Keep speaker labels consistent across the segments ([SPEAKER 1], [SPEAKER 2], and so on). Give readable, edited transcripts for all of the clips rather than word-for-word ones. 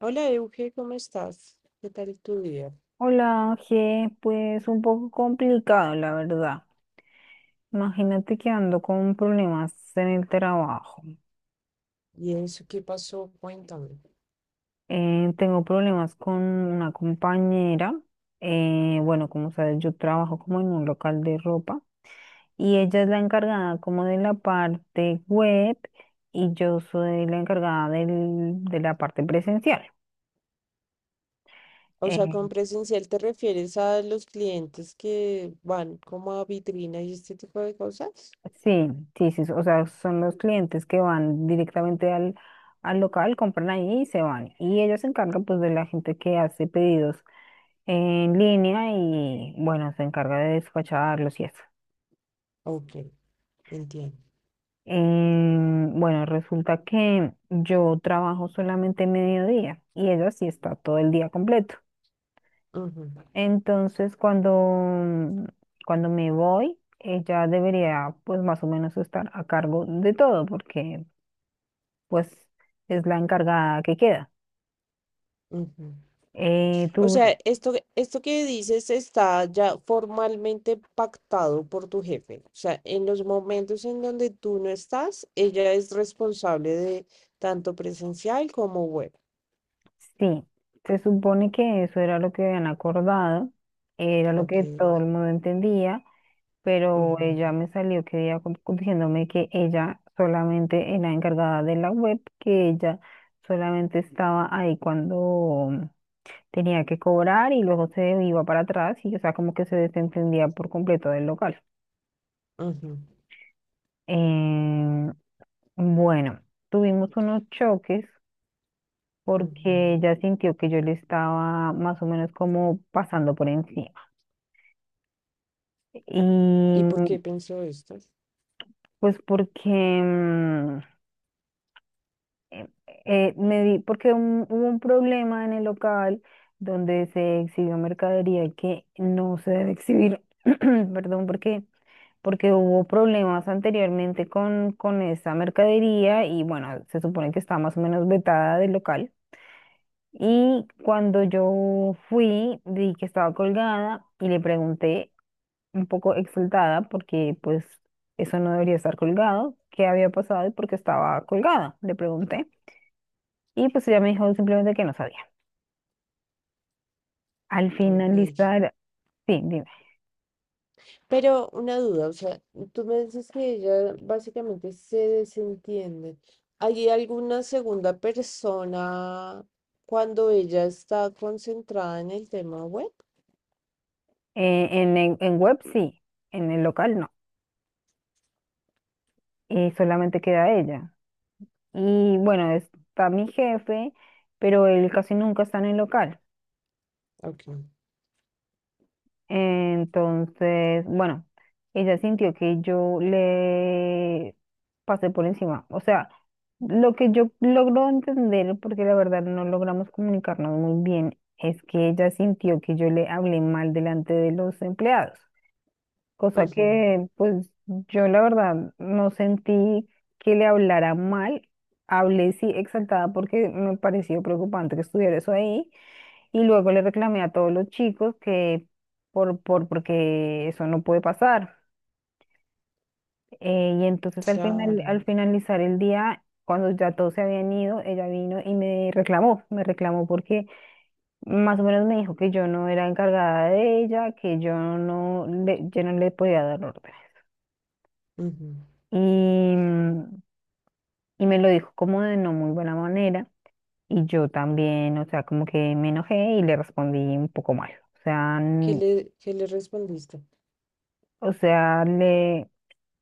[SPEAKER 1] Hola Euge, ¿cómo estás? ¿Qué tal tu día?
[SPEAKER 2] Hola, Ángel, pues un poco complicado, la verdad. Imagínate que ando con problemas en el trabajo.
[SPEAKER 1] ¿Y eso qué pasó? Cuéntame.
[SPEAKER 2] Tengo problemas con una compañera. Bueno, como sabes, yo trabajo como en un local de ropa y ella es la encargada como de la parte web y yo soy la encargada de la parte presencial.
[SPEAKER 1] O sea, con
[SPEAKER 2] Eh,
[SPEAKER 1] presencial te refieres a los clientes que van como a vitrina y este tipo de cosas.
[SPEAKER 2] Sí, sí, sí, o sea, son los clientes que van directamente al local, compran ahí y se van. Y ellos se encargan pues de la gente que hace pedidos en línea y bueno, se encarga de despacharlos y eso.
[SPEAKER 1] Ok, entiendo.
[SPEAKER 2] Bueno, resulta que yo trabajo solamente mediodía y ella sí está todo el día completo.
[SPEAKER 1] Ujú,
[SPEAKER 2] Entonces, cuando me voy, ella debería pues más o menos estar a cargo de todo porque pues es la encargada que queda.
[SPEAKER 1] ujú.
[SPEAKER 2] Eh,
[SPEAKER 1] O sea,
[SPEAKER 2] tú,
[SPEAKER 1] esto que dices está ya formalmente pactado por tu jefe. O sea, en los momentos en donde tú no estás, ella es responsable de tanto presencial como web.
[SPEAKER 2] sí, se supone que eso era lo que habían acordado, era lo
[SPEAKER 1] Ok.
[SPEAKER 2] que todo el mundo entendía, pero
[SPEAKER 1] Ujú,
[SPEAKER 2] ella me salió que día diciéndome que ella solamente era encargada de la web, que ella solamente estaba ahí cuando tenía que cobrar y luego se iba para atrás y, o sea, como que se desentendía por completo del local.
[SPEAKER 1] ujú,
[SPEAKER 2] Em, bueno, tuvimos unos choques
[SPEAKER 1] ujú.
[SPEAKER 2] porque ella sintió que yo le estaba más o menos como pasando por encima. Y
[SPEAKER 1] ¿Y por qué pensó esto?
[SPEAKER 2] pues porque eh, porque hubo un problema en el local donde se exhibió mercadería que no se debe exhibir, perdón, porque hubo problemas anteriormente con esa mercadería y bueno, se supone que está más o menos vetada del local. Y cuando yo fui, vi que estaba colgada y le pregunté, un poco exaltada, porque pues eso no debería estar colgado, qué había pasado y por qué estaba colgada, le pregunté. Y pues ella me dijo simplemente que no sabía. Al
[SPEAKER 1] Ok.
[SPEAKER 2] finalizar, sí, dime,
[SPEAKER 1] Pero una duda, o sea, tú me dices que ella básicamente se desentiende. ¿Hay alguna segunda persona cuando ella está concentrada en el tema web?
[SPEAKER 2] en web sí, en el local no, y solamente queda ella. Y bueno, está mi jefe, pero él casi nunca está en el local.
[SPEAKER 1] Ok.
[SPEAKER 2] Entonces, bueno, ella sintió que yo le pasé por encima. O sea, lo que yo logro entender, porque la verdad no logramos comunicarnos muy bien, es que ella sintió que yo le hablé mal delante de los empleados, cosa
[SPEAKER 1] Ujú.
[SPEAKER 2] que pues yo la verdad no sentí que le hablara mal. Hablé sí exaltada porque me pareció preocupante que estuviera eso ahí. Y luego le reclamé a todos los chicos que porque eso no puede pasar. Y entonces al final,
[SPEAKER 1] Claro.
[SPEAKER 2] al finalizar el día, cuando ya todos se habían ido, ella vino y me reclamó porque más o menos me dijo que yo no era encargada de ella, que yo no le podía dar órdenes.
[SPEAKER 1] Ujú.
[SPEAKER 2] Y, mm, y me lo dijo como de no muy buena manera. Y yo también, o sea, como que me enojé y le respondí un poco mal. O sea,
[SPEAKER 1] Qué le respondiste?
[SPEAKER 2] o sea, le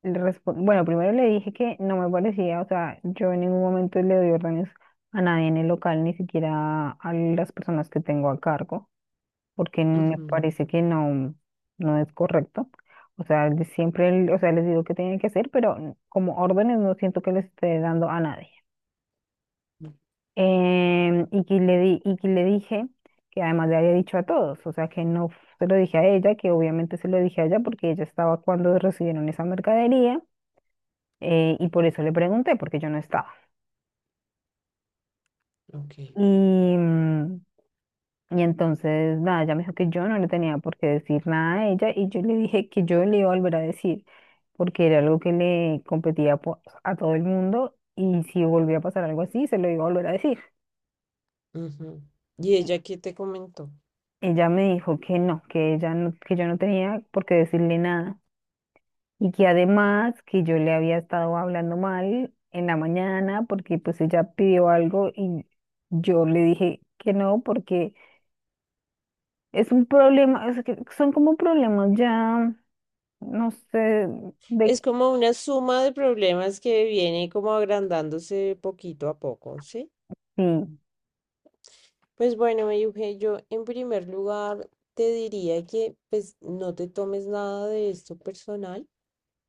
[SPEAKER 2] le respon- bueno, primero le dije que no me parecía, o sea, yo en ningún momento le doy órdenes a nadie en el local, ni siquiera a las personas que tengo a cargo, porque me
[SPEAKER 1] Ujú.
[SPEAKER 2] parece que no, no es correcto. O sea, siempre, o sea, les digo qué tienen que hacer, pero como órdenes no siento que les esté dando a nadie. Y que le dije que además le había dicho a todos, o sea, que no f- se lo dije a ella, que obviamente se lo dije a ella porque ella estaba cuando recibieron esa mercadería y por eso le pregunté, porque yo no estaba.
[SPEAKER 1] Ok.
[SPEAKER 2] Y, mm, y entonces, nada, ella me dijo que yo no le tenía por qué decir nada a ella y yo le dije que yo le iba a volver a decir, porque era algo que le competía a todo el mundo y si volvía a pasar algo así, se lo iba a volver a decir.
[SPEAKER 1] Ujú. ¿Y ella qué te comentó?
[SPEAKER 2] Ella me dijo que no, que ella no, que yo no tenía por qué decirle nada y que además que yo le había estado hablando mal en la mañana porque pues ella pidió algo y yo le dije que no porque es un problema, es que son como problemas ya, no sé de
[SPEAKER 1] Es como una suma de problemas que viene como agrandándose poquito a poco, ¿sí?
[SPEAKER 2] qué,
[SPEAKER 1] Pues bueno, Euge, yo en primer lugar te diría que pues no te tomes nada de esto personal,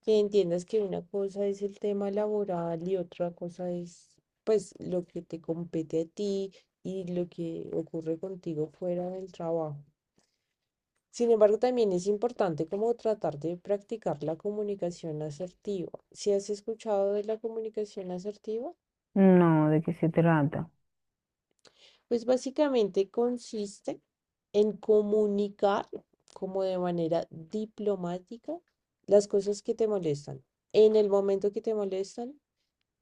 [SPEAKER 1] que entiendas que una cosa es el tema laboral y otra cosa es pues lo que te compete a ti y lo que ocurre contigo fuera del trabajo. Sin embargo, también es importante como tratar de practicar la comunicación asertiva. ¿Si has escuchado de la comunicación asertiva?
[SPEAKER 2] no, de qué se trata.
[SPEAKER 1] Pues básicamente consiste en comunicar como de manera diplomática las cosas que te molestan, en el momento que te molestan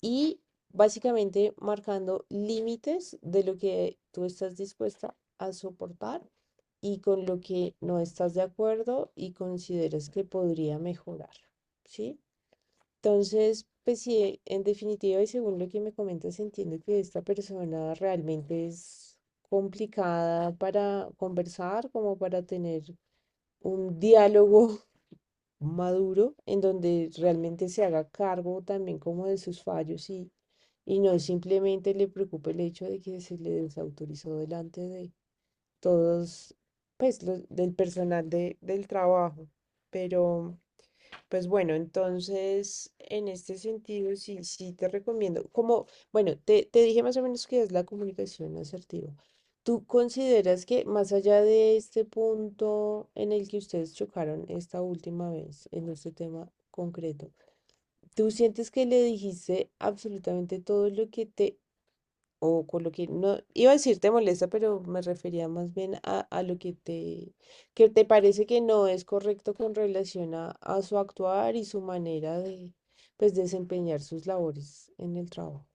[SPEAKER 1] y básicamente marcando límites de lo que tú estás dispuesta a soportar y con lo que no estás de acuerdo y consideras que podría mejorar, ¿sí? Entonces, pues sí, en definitiva y según lo que me comentas, entiendo que esta persona realmente es complicada para conversar, como para tener un diálogo maduro en donde realmente se haga cargo también como de sus fallos y no simplemente le preocupe el hecho de que se le desautorizó delante de todos, pues, los, del personal de, del trabajo. Pero... Pues bueno, entonces en este sentido sí, sí te recomiendo. Como, bueno, te dije más o menos que es la comunicación asertiva. ¿Tú consideras que más allá de este punto en el que ustedes chocaron esta última vez, en este tema concreto, tú sientes que le dijiste absolutamente todo lo que te o con lo que no, iba a decir te molesta, pero me refería más bien a lo que te parece que no es correcto con relación a su actuar y su manera de, pues, desempeñar sus labores en el trabajo.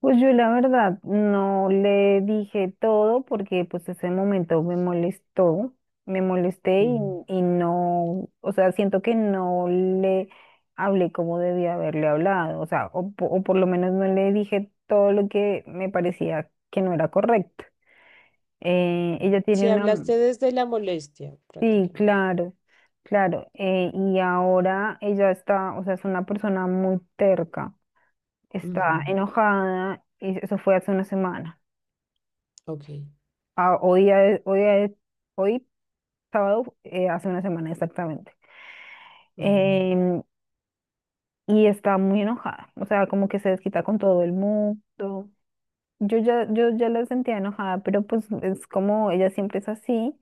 [SPEAKER 2] Pues yo la verdad no le dije todo porque pues ese momento me molestó, me molesté
[SPEAKER 1] Ujú,
[SPEAKER 2] y no, o sea, siento que no le hablé como debía haberle hablado, o sea, o por lo menos no le dije todo lo que me parecía que no era correcto. Eh,
[SPEAKER 1] ujú.
[SPEAKER 2] ella
[SPEAKER 1] Si
[SPEAKER 2] tiene una,
[SPEAKER 1] hablaste desde la molestia,
[SPEAKER 2] Sí,
[SPEAKER 1] prácticamente.
[SPEAKER 2] claro, claro. Y ahora ella está, o sea, es una persona muy terca,
[SPEAKER 1] Ujú.
[SPEAKER 2] está enojada, y eso fue hace una semana.
[SPEAKER 1] Ok.
[SPEAKER 2] Ah, hoy, día de- hoy, día de- Hoy, sábado, hace una semana exactamente.
[SPEAKER 1] Ujú,
[SPEAKER 2] em, y está muy enojada, o sea, como que se desquita con todo el mundo. Yo ya la sentía enojada, pero pues es como ella siempre es así.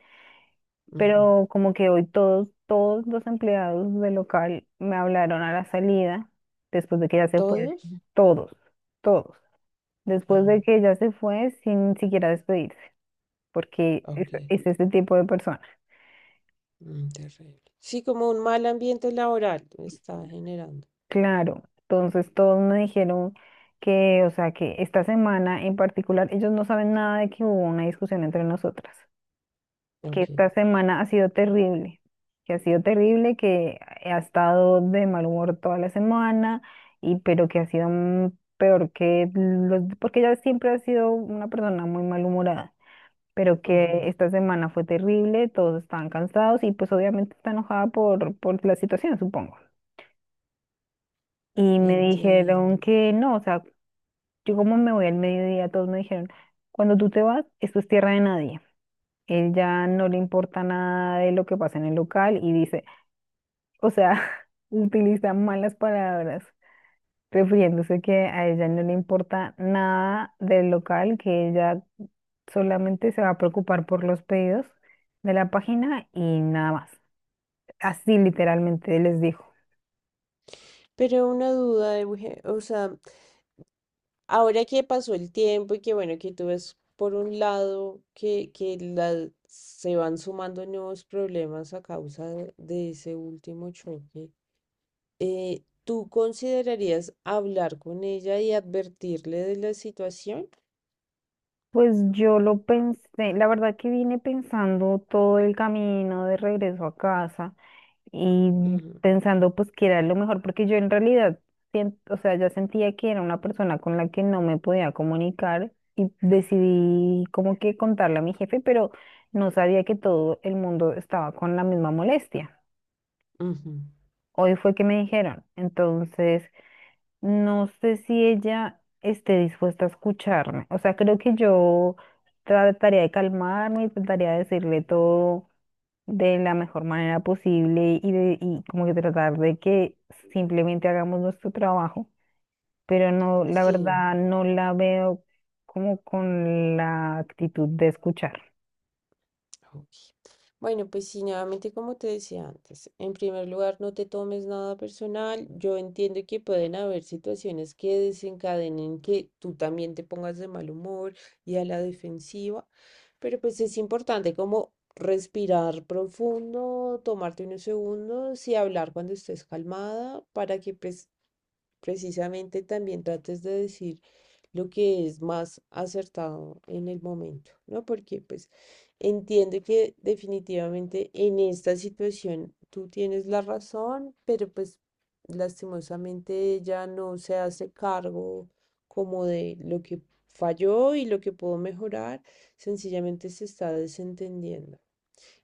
[SPEAKER 1] ujú.
[SPEAKER 2] Pero como que hoy todos los empleados del local me hablaron a la salida, después de que ella se fue,
[SPEAKER 1] ¿Todos?
[SPEAKER 2] todos, todos, después
[SPEAKER 1] Ajá,
[SPEAKER 2] de que ella se fue sin siquiera despedirse, porque
[SPEAKER 1] ok.
[SPEAKER 2] es ese tipo de persona.
[SPEAKER 1] Mm, terrible. Sí, como un mal ambiente laboral está generando.
[SPEAKER 2] Claro, entonces todos me dijeron que, o sea, que esta semana en particular, ellos no saben nada de que hubo una discusión entre nosotras. Que
[SPEAKER 1] Ok.
[SPEAKER 2] esta semana ha sido terrible, que ha sido terrible, que ha estado de mal humor toda la semana, y pero que ha sido peor que los, porque ella siempre ha sido una persona muy malhumorada, pero que
[SPEAKER 1] Ujú.
[SPEAKER 2] esta semana fue terrible, todos estaban cansados y pues obviamente está enojada por la situación, supongo. Y me
[SPEAKER 1] Entiendo.
[SPEAKER 2] dijeron que no, o sea, yo como me voy al mediodía, todos me dijeron, cuando tú te vas, esto es tierra de nadie. Ella no le importa nada de lo que pasa en el local y dice, o sea, utiliza malas palabras, refiriéndose que a ella no le importa nada del local, que ella solamente se va a preocupar por los pedidos de la página y nada más. Así literalmente les dijo.
[SPEAKER 1] Pero una duda, Euge, o sea, ahora que pasó el tiempo y que bueno, que tú ves por un lado que la- se van sumando nuevos problemas a causa de ese último choque, ¿tú considerarías hablar con ella y advertirle de la situación?
[SPEAKER 2] Pues yo lo pensé, la verdad que vine pensando todo el camino de regreso a casa y
[SPEAKER 1] Ujú,
[SPEAKER 2] pensando pues que era lo mejor, porque yo en realidad, o sea, ya sentía que era una persona con la que no me podía comunicar y decidí como que contarle a mi jefe, pero no sabía que todo el mundo estaba con la misma molestia.
[SPEAKER 1] ujú.
[SPEAKER 2] Hoy fue que me dijeron, entonces no sé si ella esté dispuesta a escucharme, o sea, creo que yo trataría de calmarme y trataría de decirle todo de la mejor manera posible y como que tratar de que simplemente hagamos nuestro trabajo, pero no, la
[SPEAKER 1] Sí.
[SPEAKER 2] verdad, no la veo como con la actitud de escuchar.
[SPEAKER 1] Ok. Bueno, pues sí, nuevamente como te decía antes, en primer lugar, no te tomes nada personal. Yo entiendo que pueden haber situaciones que desencadenen que tú también te pongas de mal humor y a la defensiva, pero pues es importante como respirar profundo, tomarte unos segundos y hablar cuando estés calmada para que pues precisamente también trates de decir lo que es más acertado en el momento, ¿no? Porque pues entiendo que definitivamente en esta situación tú tienes la razón, pero pues lastimosamente ella no se hace cargo como de lo que falló y lo que pudo mejorar, sencillamente se está desentendiendo.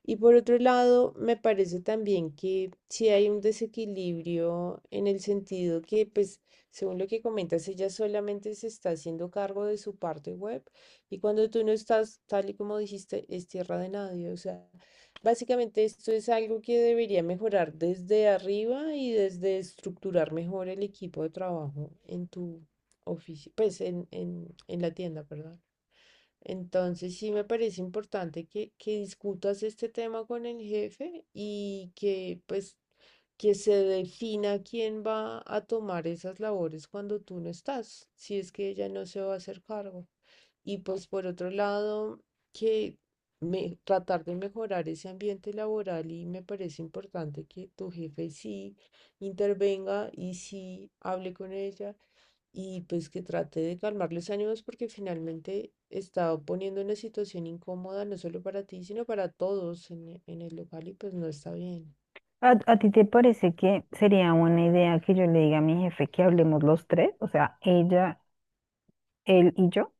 [SPEAKER 1] Y por otro lado, me parece también que sí hay un desequilibrio en el sentido que, pues, según lo que comentas, ella solamente se está haciendo cargo de su parte web y cuando tú no estás, tal y como dijiste, es tierra de nadie. O sea, básicamente esto es algo que debería mejorar desde arriba y desde estructurar mejor el equipo de trabajo en tu oficina, pues en la tienda, ¿verdad? Entonces sí me parece importante que discutas este tema con el jefe y que pues que se defina quién va a tomar esas labores cuando tú no estás, si es que ella no se va a hacer cargo. Y pues por otro lado, que me, tratar de mejorar ese ambiente laboral y me parece importante que tu jefe sí intervenga y sí hable con ella y pues que trate de calmar los ánimos porque finalmente está poniendo una situación incómoda no solo para ti, sino para todos en, e- en el local y pues no está bien.
[SPEAKER 2] A ti te parece que sería buena idea que yo le diga a mi jefe que hablemos los tres? O sea, ella, él y yo.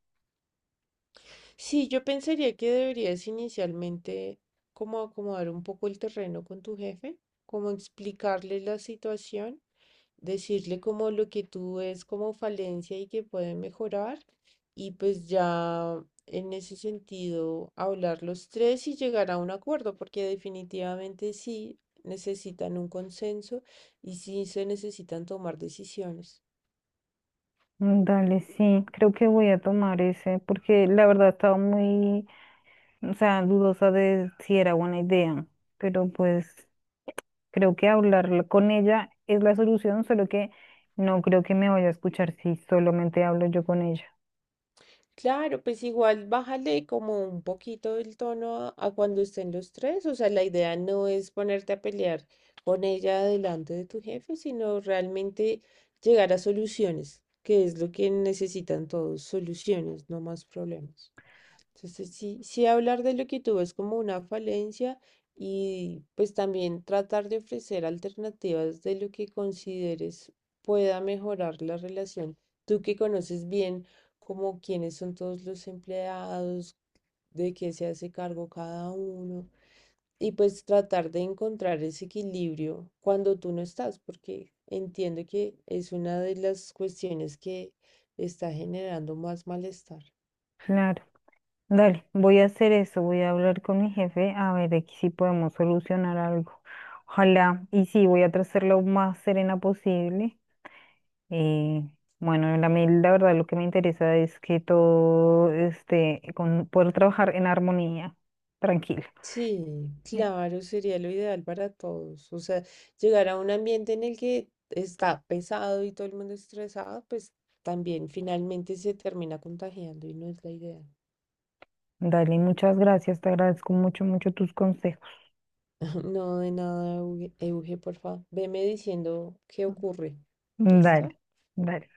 [SPEAKER 1] Sí, yo pensaría que deberías inicialmente como acomodar un poco el terreno con tu jefe, como explicarle la situación decirle como lo que tú ves como falencia y que puede mejorar y pues ya en ese sentido hablar los tres y llegar a un acuerdo, porque definitivamente sí necesitan un consenso y sí se necesitan tomar decisiones.
[SPEAKER 2] Dale, sí, creo que voy a tomar ese, porque la verdad estaba muy, o sea, dudosa de si era buena idea, pero pues creo que hablar con ella es la solución, solo que no creo que me vaya a escuchar si solamente hablo yo con ella.
[SPEAKER 1] Claro, pues igual bájale como un poquito el tono a cuando estén los tres. O sea, la idea no es ponerte a pelear con ella delante de tu jefe, sino realmente llegar a soluciones, que es lo que necesitan todos, soluciones, no más problemas. Entonces, sí, sí hablar de lo que tuvo es como una falencia y pues también tratar de ofrecer alternativas de lo que consideres pueda mejorar la relación. Tú que conoces bien como quiénes son todos los empleados, de qué se hace cargo cada uno y pues tratar de encontrar ese equilibrio cuando tú no estás, porque entiendo que es una de las cuestiones que está generando más malestar.
[SPEAKER 2] Claro. Dale, voy a hacer eso, voy a hablar con mi jefe a ver de que si podemos solucionar algo. Ojalá, y sí, voy a tratar lo más serena posible. Eh, bueno, la, mí la verdad lo que me interesa es que todo esté con poder trabajar en armonía, tranquila.
[SPEAKER 1] Sí,
[SPEAKER 2] Eh,
[SPEAKER 1] claro, sería lo ideal para todos. O sea, llegar a un ambiente en el que está pesado y todo el mundo estresado, pues también finalmente se termina contagiando y no es la idea.
[SPEAKER 2] Dale, muchas gracias, te agradezco mucho, mucho tus consejos.
[SPEAKER 1] No, de nada, Euge, Euge, por favor. Veme diciendo qué ocurre.
[SPEAKER 2] Dale,
[SPEAKER 1] ¿Listo?
[SPEAKER 2] dale.